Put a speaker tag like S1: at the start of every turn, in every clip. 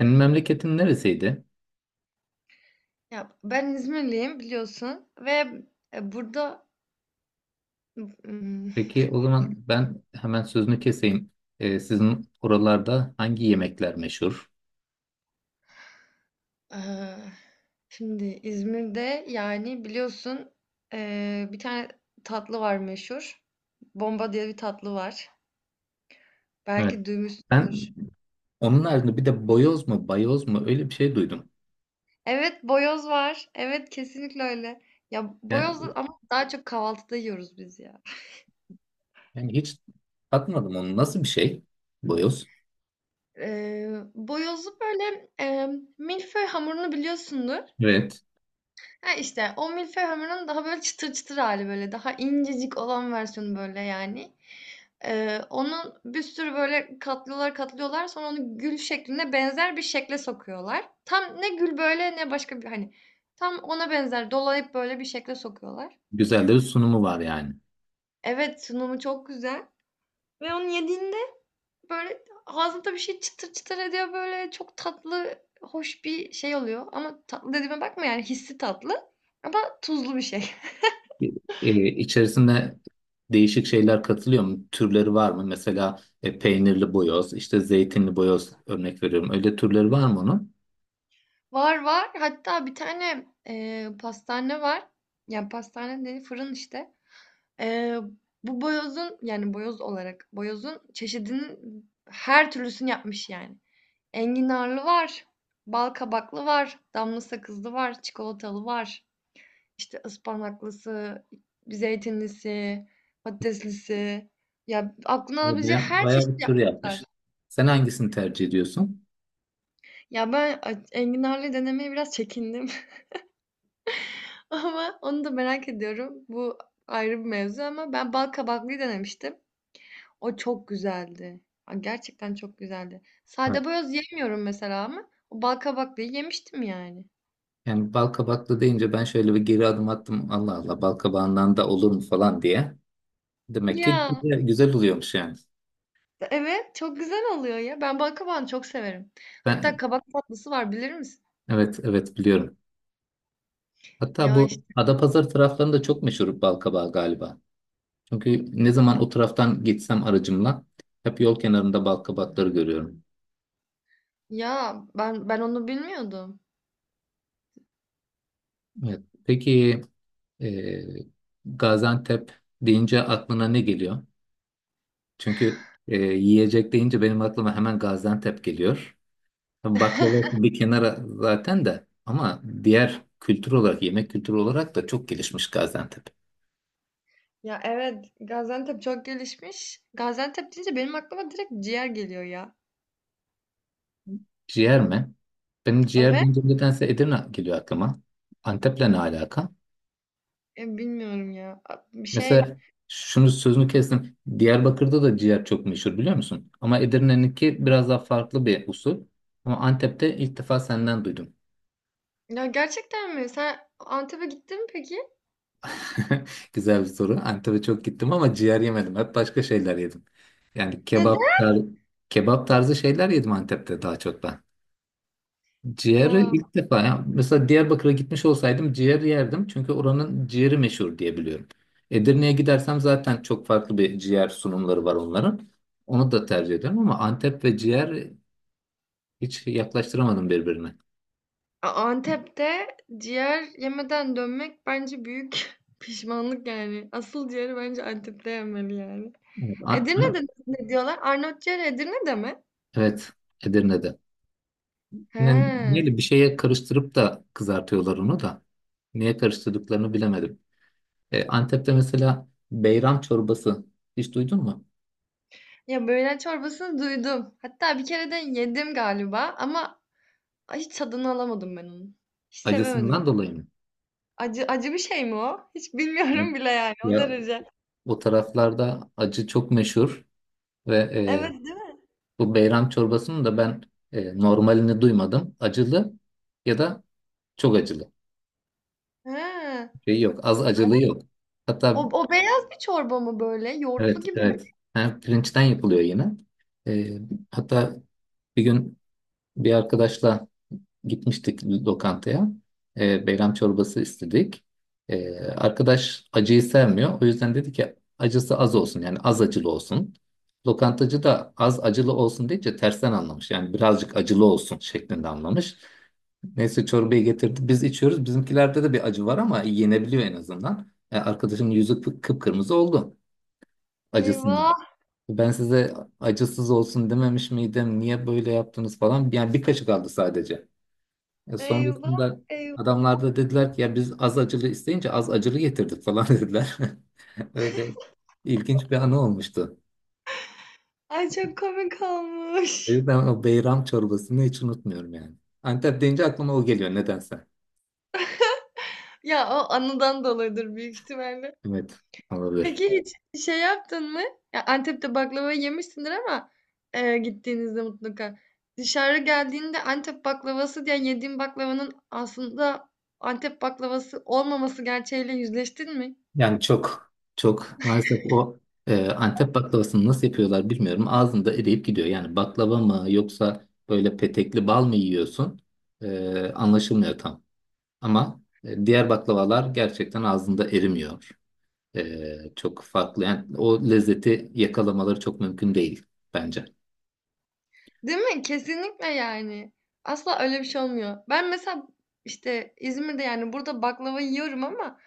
S1: Senin memleketin neresiydi?
S2: Ben İzmirliyim biliyorsun ve, eee, burada, ımm,
S1: Peki o zaman ben hemen sözünü keseyim. Sizin oralarda hangi yemekler meşhur?
S2: eee, şimdi İzmir'de, yani, biliyorsun, bir tane tatlı var meşhur. Bomba diye bir tatlı var.
S1: Evet.
S2: Belki duymuşsundur.
S1: Ben onun haricinde bir de boyoz mu, bayoz mu öyle bir şey duydum.
S2: Evet, boyoz var. Evet, kesinlikle öyle. Boyoz
S1: Yani,
S2: ama daha çok kahvaltıda yiyoruz biz ya.
S1: yani hiç tatmadım onu. Nasıl bir şey? Boyoz.
S2: Boyozu böyle, milföy hamurunu biliyorsundur.
S1: Evet.
S2: Ha, işte o milföy hamurunun daha böyle çıtır çıtır hali böyle, daha incecik olan versiyonu böyle yani. Onun bir sürü böyle katlıyorlar, katlıyorlar sonra onu gül şekline benzer bir şekle sokuyorlar. Tam ne gül böyle ne başka bir hani tam ona benzer dolayıp böyle bir şekle sokuyorlar.
S1: Güzel de bir sunumu var yani.
S2: Evet, sunumu çok güzel ve onu yediğinde böyle ağzında bir şey çıtır çıtır ediyor böyle çok tatlı, hoş bir şey oluyor ama tatlı dediğime bakma yani hissi tatlı ama tuzlu bir şey.
S1: İçerisinde değişik şeyler katılıyor mu? Türleri var mı? Mesela peynirli boyoz, işte zeytinli boyoz örnek veriyorum. Öyle türleri var mı onun?
S2: Var var. Hatta bir tane, pastane var. Yani pastane değil, fırın işte. Eee, bu boyozun yani boyoz olarak boyozun çeşidinin her türlüsünü yapmış yani. Enginarlı var, bal kabaklı var, damla sakızlı var, çikolatalı var. İşte ıspanaklısı, zeytinlisi, patateslisi. Ya aklına alabileceği her
S1: Bayağı
S2: çeşit
S1: bir tur
S2: yapmışlar.
S1: yapmış. Sen hangisini tercih ediyorsun?
S2: Ya ben enginarlı denemeye biraz çekindim. Ama onu da merak ediyorum. Bu ayrı bir mevzu ama ben bal kabaklıyı denemiştim. O çok güzeldi. Aa, gerçekten çok güzeldi.
S1: Evet.
S2: Sade boyoz yemiyorum mesela ama o bal kabaklıyı yemiştim yani.
S1: Yani bal kabaklı deyince ben şöyle bir geri adım attım. Allah Allah bal kabağından da olur mu falan diye. Demek ki
S2: Ya
S1: güzel, güzel oluyormuş yani.
S2: evet çok güzel oluyor ya. Ben bal kabağını çok severim. Hatta
S1: Ben
S2: kabak tatlısı var bilir misin?
S1: evet, evet biliyorum. Hatta
S2: Ya
S1: bu
S2: işte,
S1: Adapazarı taraflarında çok meşhur bal kabağı galiba. Çünkü ne zaman o taraftan geçsem aracımla hep yol kenarında bal kabakları görüyorum.
S2: ya ben onu bilmiyordum.
S1: Evet. Peki, e, Gaziantep deyince aklına ne geliyor? Çünkü yiyecek deyince benim aklıma hemen Gaziantep geliyor. Tabii baklava bir kenara zaten de ama diğer kültür olarak, yemek kültürü olarak da çok gelişmiş Gaziantep.
S2: Ya evet Gaziantep çok gelişmiş. Gaziantep deyince benim aklıma direkt ciğer geliyor ya.
S1: Ciğer mi? Benim ciğer
S2: Evet.
S1: deyince nedense Edirne geliyor aklıma. Antep'le ne alaka?
S2: Bilmiyorum ya. Bir şey.
S1: Mesela sözünü kestim. Diyarbakır'da da ciğer çok meşhur biliyor musun? Ama Edirne'ninki biraz daha farklı bir usul. Ama Antep'te ilk defa senden duydum.
S2: Ya gerçekten mi? Sen Antep'e gittin mi peki?
S1: Güzel bir soru. Antep'e çok gittim ama ciğer yemedim. Hep başka şeyler yedim. Yani
S2: Neden?
S1: kebap tarzı, kebap tarzı şeyler yedim Antep'te daha çok ben. Ciğeri
S2: Ya
S1: ilk defa. Ya mesela Diyarbakır'a gitmiş olsaydım ciğer yerdim. Çünkü oranın ciğeri meşhur diye biliyorum. Edirne'ye gidersem zaten çok farklı bir ciğer sunumları var onların. Onu da tercih ediyorum ama Antep ve ciğer hiç yaklaştıramadım birbirine.
S2: Antep'te ciğer yemeden dönmek bence büyük pişmanlık yani. Asıl ciğeri bence Antep'te yemeli yani.
S1: Evet,
S2: Edirne'de ne diyorlar? Arnavut ciğeri Edirne'de mi?
S1: Evet, Edirne'de. Ne,
S2: He.
S1: neyle bir şeye karıştırıp da kızartıyorlar onu da. Niye karıştırdıklarını bilemedim. Antep'te mesela beyran çorbası hiç duydun mu?
S2: Ya böğren çorbasını duydum. Hatta bir kere de yedim galiba ama hiç tadını alamadım ben onun. Hiç sevemedim ya.
S1: Acısından dolayı mı?
S2: Acı acı bir şey mi o? Hiç
S1: Evet.
S2: bilmiyorum bile yani o
S1: Ya
S2: derece.
S1: o taraflarda acı çok meşhur ve
S2: Evet.
S1: bu beyran çorbasının da ben normalini duymadım. Acılı ya da çok acılı.
S2: He.
S1: Şey yok, az acılı yok.
S2: O
S1: Hatta
S2: o beyaz bir çorba mı böyle? Yoğurtlu
S1: evet,
S2: gibi mi?
S1: evet. Ha, pirinçten yapılıyor yine. E, Hatta bir gün bir arkadaşla gitmiştik lokantaya. Beyran çorbası istedik. Arkadaş acıyı sevmiyor. O yüzden dedi ki acısı az olsun yani az acılı olsun. Lokantacı da az acılı olsun deyince tersten anlamış. Yani birazcık acılı olsun şeklinde anlamış. Neyse çorbayı getirdi. Biz içiyoruz. Bizimkilerde de bir acı var ama yenebiliyor en azından. Arkadaşın yüzü kıpkırmızı oldu acısından.
S2: Eyvah,
S1: Ben size acısız olsun dememiş miydim? Niye böyle yaptınız falan? Yani bir kaşık aldı sadece.
S2: eyvah,
S1: Sonrasında
S2: eyvah.
S1: adamlar da dediler ki ya biz az acılı isteyince az acılı getirdik falan dediler. Öyle ilginç bir anı olmuştu.
S2: Ay çok komik
S1: O
S2: olmuş.
S1: yüzden o beyram çorbasını hiç unutmuyorum yani. Antep deyince aklıma o geliyor nedense.
S2: Ya o anıdan dolayıdır büyük ihtimalle.
S1: Evet, olabilir.
S2: Peki hiç şey yaptın mı? Ya Antep'te baklava yemişsindir ama gittiğinizde mutlaka. Dışarı geldiğinde Antep baklavası diye yediğin baklavanın aslında Antep baklavası olmaması gerçeğiyle yüzleştin mi?
S1: Yani çok çok maalesef o Antep baklavasını nasıl yapıyorlar bilmiyorum. Ağzında eriyip gidiyor. Yani baklava mı yoksa böyle petekli bal mı yiyorsun? Anlaşılmıyor tam. Ama diğer baklavalar gerçekten ağzında erimiyor. Çok farklı. Yani o lezzeti yakalamaları çok mümkün değil bence.
S2: Değil mi? Kesinlikle yani. Asla öyle bir şey olmuyor. Ben mesela işte İzmir'de yani burada baklava yiyorum ama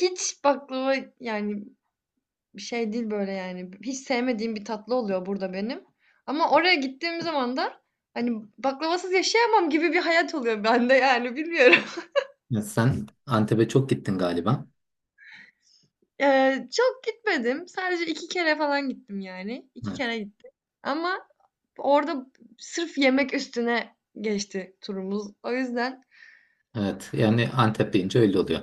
S2: hiç baklava yani bir şey değil böyle yani. Hiç sevmediğim bir tatlı oluyor burada benim. Ama oraya gittiğim zaman da hani baklavasız yaşayamam gibi bir hayat oluyor bende yani bilmiyorum.
S1: Ya sen Antep'e çok gittin galiba.
S2: Çok gitmedim. Sadece iki kere falan gittim yani. İki
S1: Evet.
S2: kere gittim. Ama orada sırf yemek üstüne geçti turumuz. O yüzden
S1: Evet. Yani Antep deyince öyle oluyor.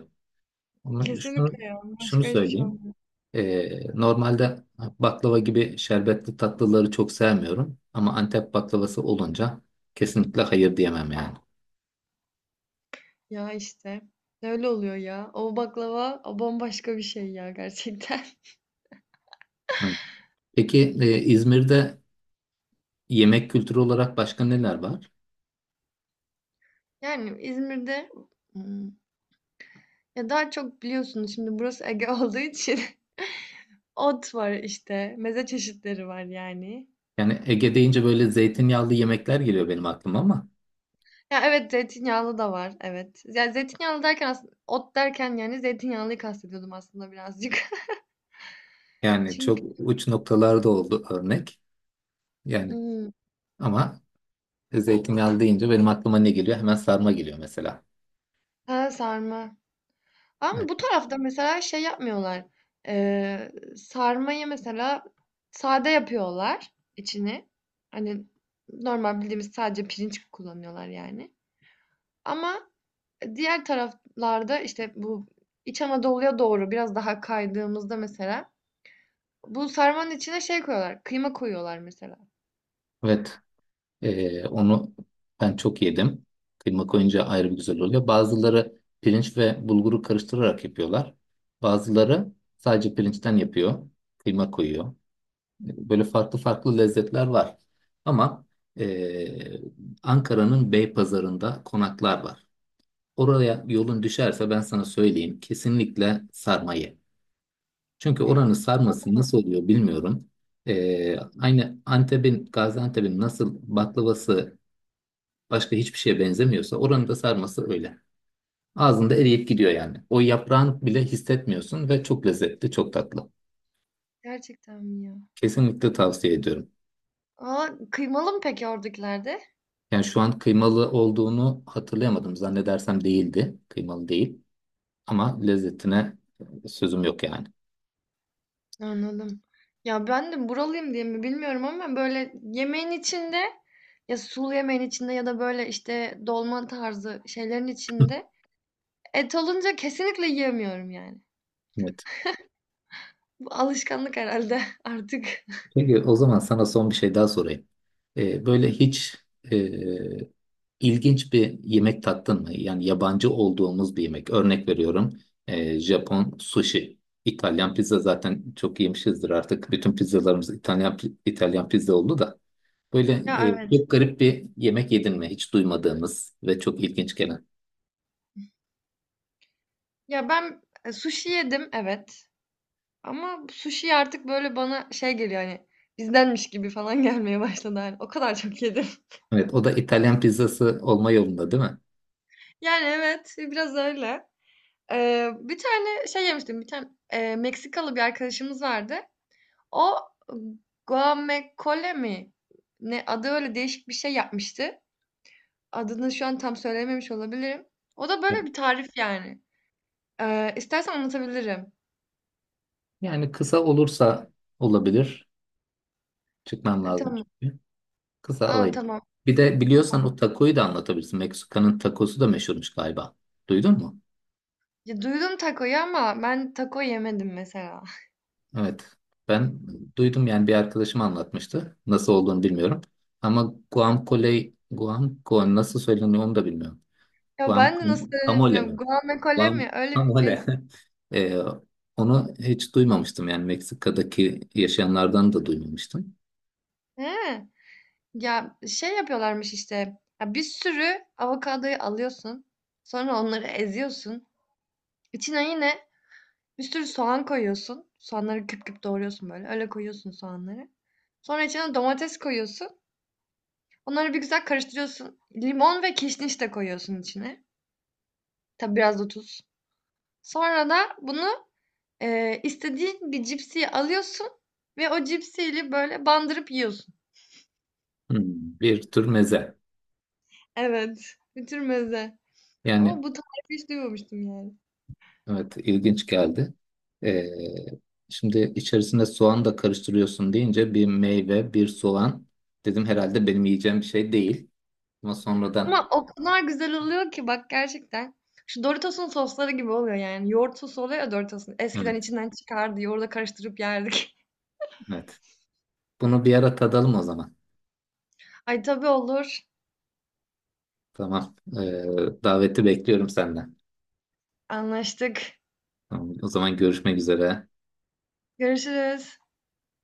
S1: Ama
S2: kesinlikle ya.
S1: şunu
S2: Başka hiçbir şey
S1: söyleyeyim.
S2: olmuyor.
S1: Normalde baklava gibi şerbetli tatlıları çok sevmiyorum. Ama Antep baklavası olunca kesinlikle hayır diyemem yani.
S2: Ya işte. Öyle oluyor ya. O baklava o bambaşka bir şey ya gerçekten.
S1: Hı. Peki, İzmir'de yemek kültürü olarak başka neler var?
S2: Yani İzmir'de, hmm, ya daha çok biliyorsunuz şimdi burası Ege olduğu için ot var işte. Meze çeşitleri var yani.
S1: Yani Ege deyince böyle zeytinyağlı yemekler geliyor benim aklıma ama
S2: Ya evet zeytinyağlı da var evet. Ya zeytinyağlı derken aslında ot derken yani zeytinyağlıyı kastediyordum aslında birazcık.
S1: yani
S2: Çünkü
S1: çok uç noktalarda oldu örnek. Yani
S2: hmm,
S1: ama zeytinyağlı deyince benim aklıma ne geliyor? Hemen sarma geliyor mesela.
S2: ha, sarma. Ama
S1: Evet.
S2: bu tarafta mesela şey yapmıyorlar. Sarmayı mesela sade yapıyorlar içini. Hani normal bildiğimiz sadece pirinç kullanıyorlar yani. Ama diğer taraflarda işte bu İç Anadolu'ya doğru biraz daha kaydığımızda mesela bu sarmanın içine şey koyuyorlar. Kıyma koyuyorlar mesela.
S1: Evet. Onu ben çok yedim. Kıyma koyunca ayrı bir güzel oluyor. Bazıları pirinç ve bulguru karıştırarak yapıyorlar. Bazıları sadece pirinçten yapıyor. Kıyma koyuyor. Böyle farklı farklı lezzetler var. Ama eee, Ankara'nın Beypazarı'nda konaklar var. Oraya yolun düşerse ben sana söyleyeyim kesinlikle sarma ye. Çünkü oranın sarması
S2: Kıyma-
S1: nasıl oluyor bilmiyorum. Aynı Antep'in, Gaziantep'in nasıl baklavası başka hiçbir şeye benzemiyorsa oranın da sarması öyle. Ağzında eriyip gidiyor yani. O yaprağını bile hissetmiyorsun ve çok lezzetli, çok tatlı.
S2: Gerçekten mi ya?
S1: Kesinlikle tavsiye ediyorum.
S2: Aa, kıymalı mı peki oradakilerde?
S1: Yani şu an kıymalı olduğunu hatırlayamadım. Zannedersem değildi. Kıymalı değil. Ama lezzetine sözüm yok yani.
S2: Anladım. Ya ben de buralıyım diye mi bilmiyorum ama böyle yemeğin içinde ya sulu yemeğin içinde ya da böyle işte dolma tarzı şeylerin içinde et olunca kesinlikle yiyemiyorum yani.
S1: Evet.
S2: Bu alışkanlık herhalde artık.
S1: Peki o zaman sana son bir şey daha sorayım. Böyle hiç e, ilginç bir yemek tattın mı? Yani yabancı olduğumuz bir yemek. Örnek veriyorum. Japon sushi. İtalyan pizza zaten çok yemişizdir artık. Bütün pizzalarımız İtalyan İtalyan pizza oldu da. Böyle
S2: Ya evet.
S1: çok garip bir yemek yedin mi? Hiç duymadığımız ve çok ilginç gelen.
S2: Ya ben sushi yedim evet. Ama sushi artık böyle bana şey geliyor hani bizdenmiş gibi falan gelmeye başladı hani. O kadar çok yedim.
S1: Evet, o da İtalyan pizzası olma yolunda değil mi?
S2: Yani evet biraz öyle. Bir tane şey yemiştim. Bir tane Meksikalı bir arkadaşımız vardı. O guacamole mi? Ne adı öyle değişik bir şey yapmıştı. Adını şu an tam söylememiş olabilirim. O da
S1: Evet.
S2: böyle bir tarif yani. İstersen anlatabilirim.
S1: Yani kısa olursa olabilir. Çıkmam lazım
S2: Tamam.
S1: çünkü. Kısa
S2: Aa,
S1: alayım.
S2: tamam.
S1: Bir de biliyorsan o takoyu da anlatabilirsin. Meksika'nın takosu da meşhurmuş galiba. Duydun mu?
S2: Duydum takoyu ama ben taco yemedim mesela.
S1: Evet. Ben duydum yani bir arkadaşım anlatmıştı. Nasıl olduğunu bilmiyorum. Ama guacamole, guacamole nasıl söyleniyor onu da bilmiyorum.
S2: Ya ben de nasıl söylediğimi
S1: Guacamole
S2: bilmiyorum.
S1: mi?
S2: Guacamole mi? Öyle bir
S1: Guacamole.
S2: şey.
S1: Ee, Onu hiç duymamıştım yani Meksika'daki yaşayanlardan da duymamıştım.
S2: He. Ya şey yapıyorlarmış işte. Ya bir sürü avokadoyu alıyorsun. Sonra onları eziyorsun. İçine yine bir sürü soğan koyuyorsun. Soğanları küp küp doğruyorsun böyle. Öyle koyuyorsun soğanları. Sonra içine domates koyuyorsun. Onları bir güzel karıştırıyorsun. Limon ve kişniş de koyuyorsun içine. Tabi biraz da tuz. Sonra da bunu istediğin bir cipsiyi alıyorsun ve o cipsiyle böyle bandırıp yiyorsun.
S1: Hmm, bir tür meze.
S2: Evet. Bir tür meze. Ama
S1: Yani
S2: bu tarifi hiç duymamıştım yani.
S1: evet, ilginç geldi. Ee, Şimdi içerisine soğan da karıştırıyorsun deyince bir meyve, bir soğan dedim herhalde benim yiyeceğim bir şey değil. Ama sonradan
S2: Ama o kadar güzel oluyor ki bak gerçekten. Şu Doritos'un sosları gibi oluyor yani. Yoğurt sosu oluyor ya Doritos'un. Eskiden
S1: evet,
S2: içinden çıkardı. Yoğurda karıştırıp yerdik.
S1: evet. Bunu bir ara tadalım o zaman.
S2: Ay tabii olur.
S1: Tamam. Daveti bekliyorum senden.
S2: Anlaştık.
S1: Tamam, o zaman görüşmek üzere.
S2: Görüşürüz.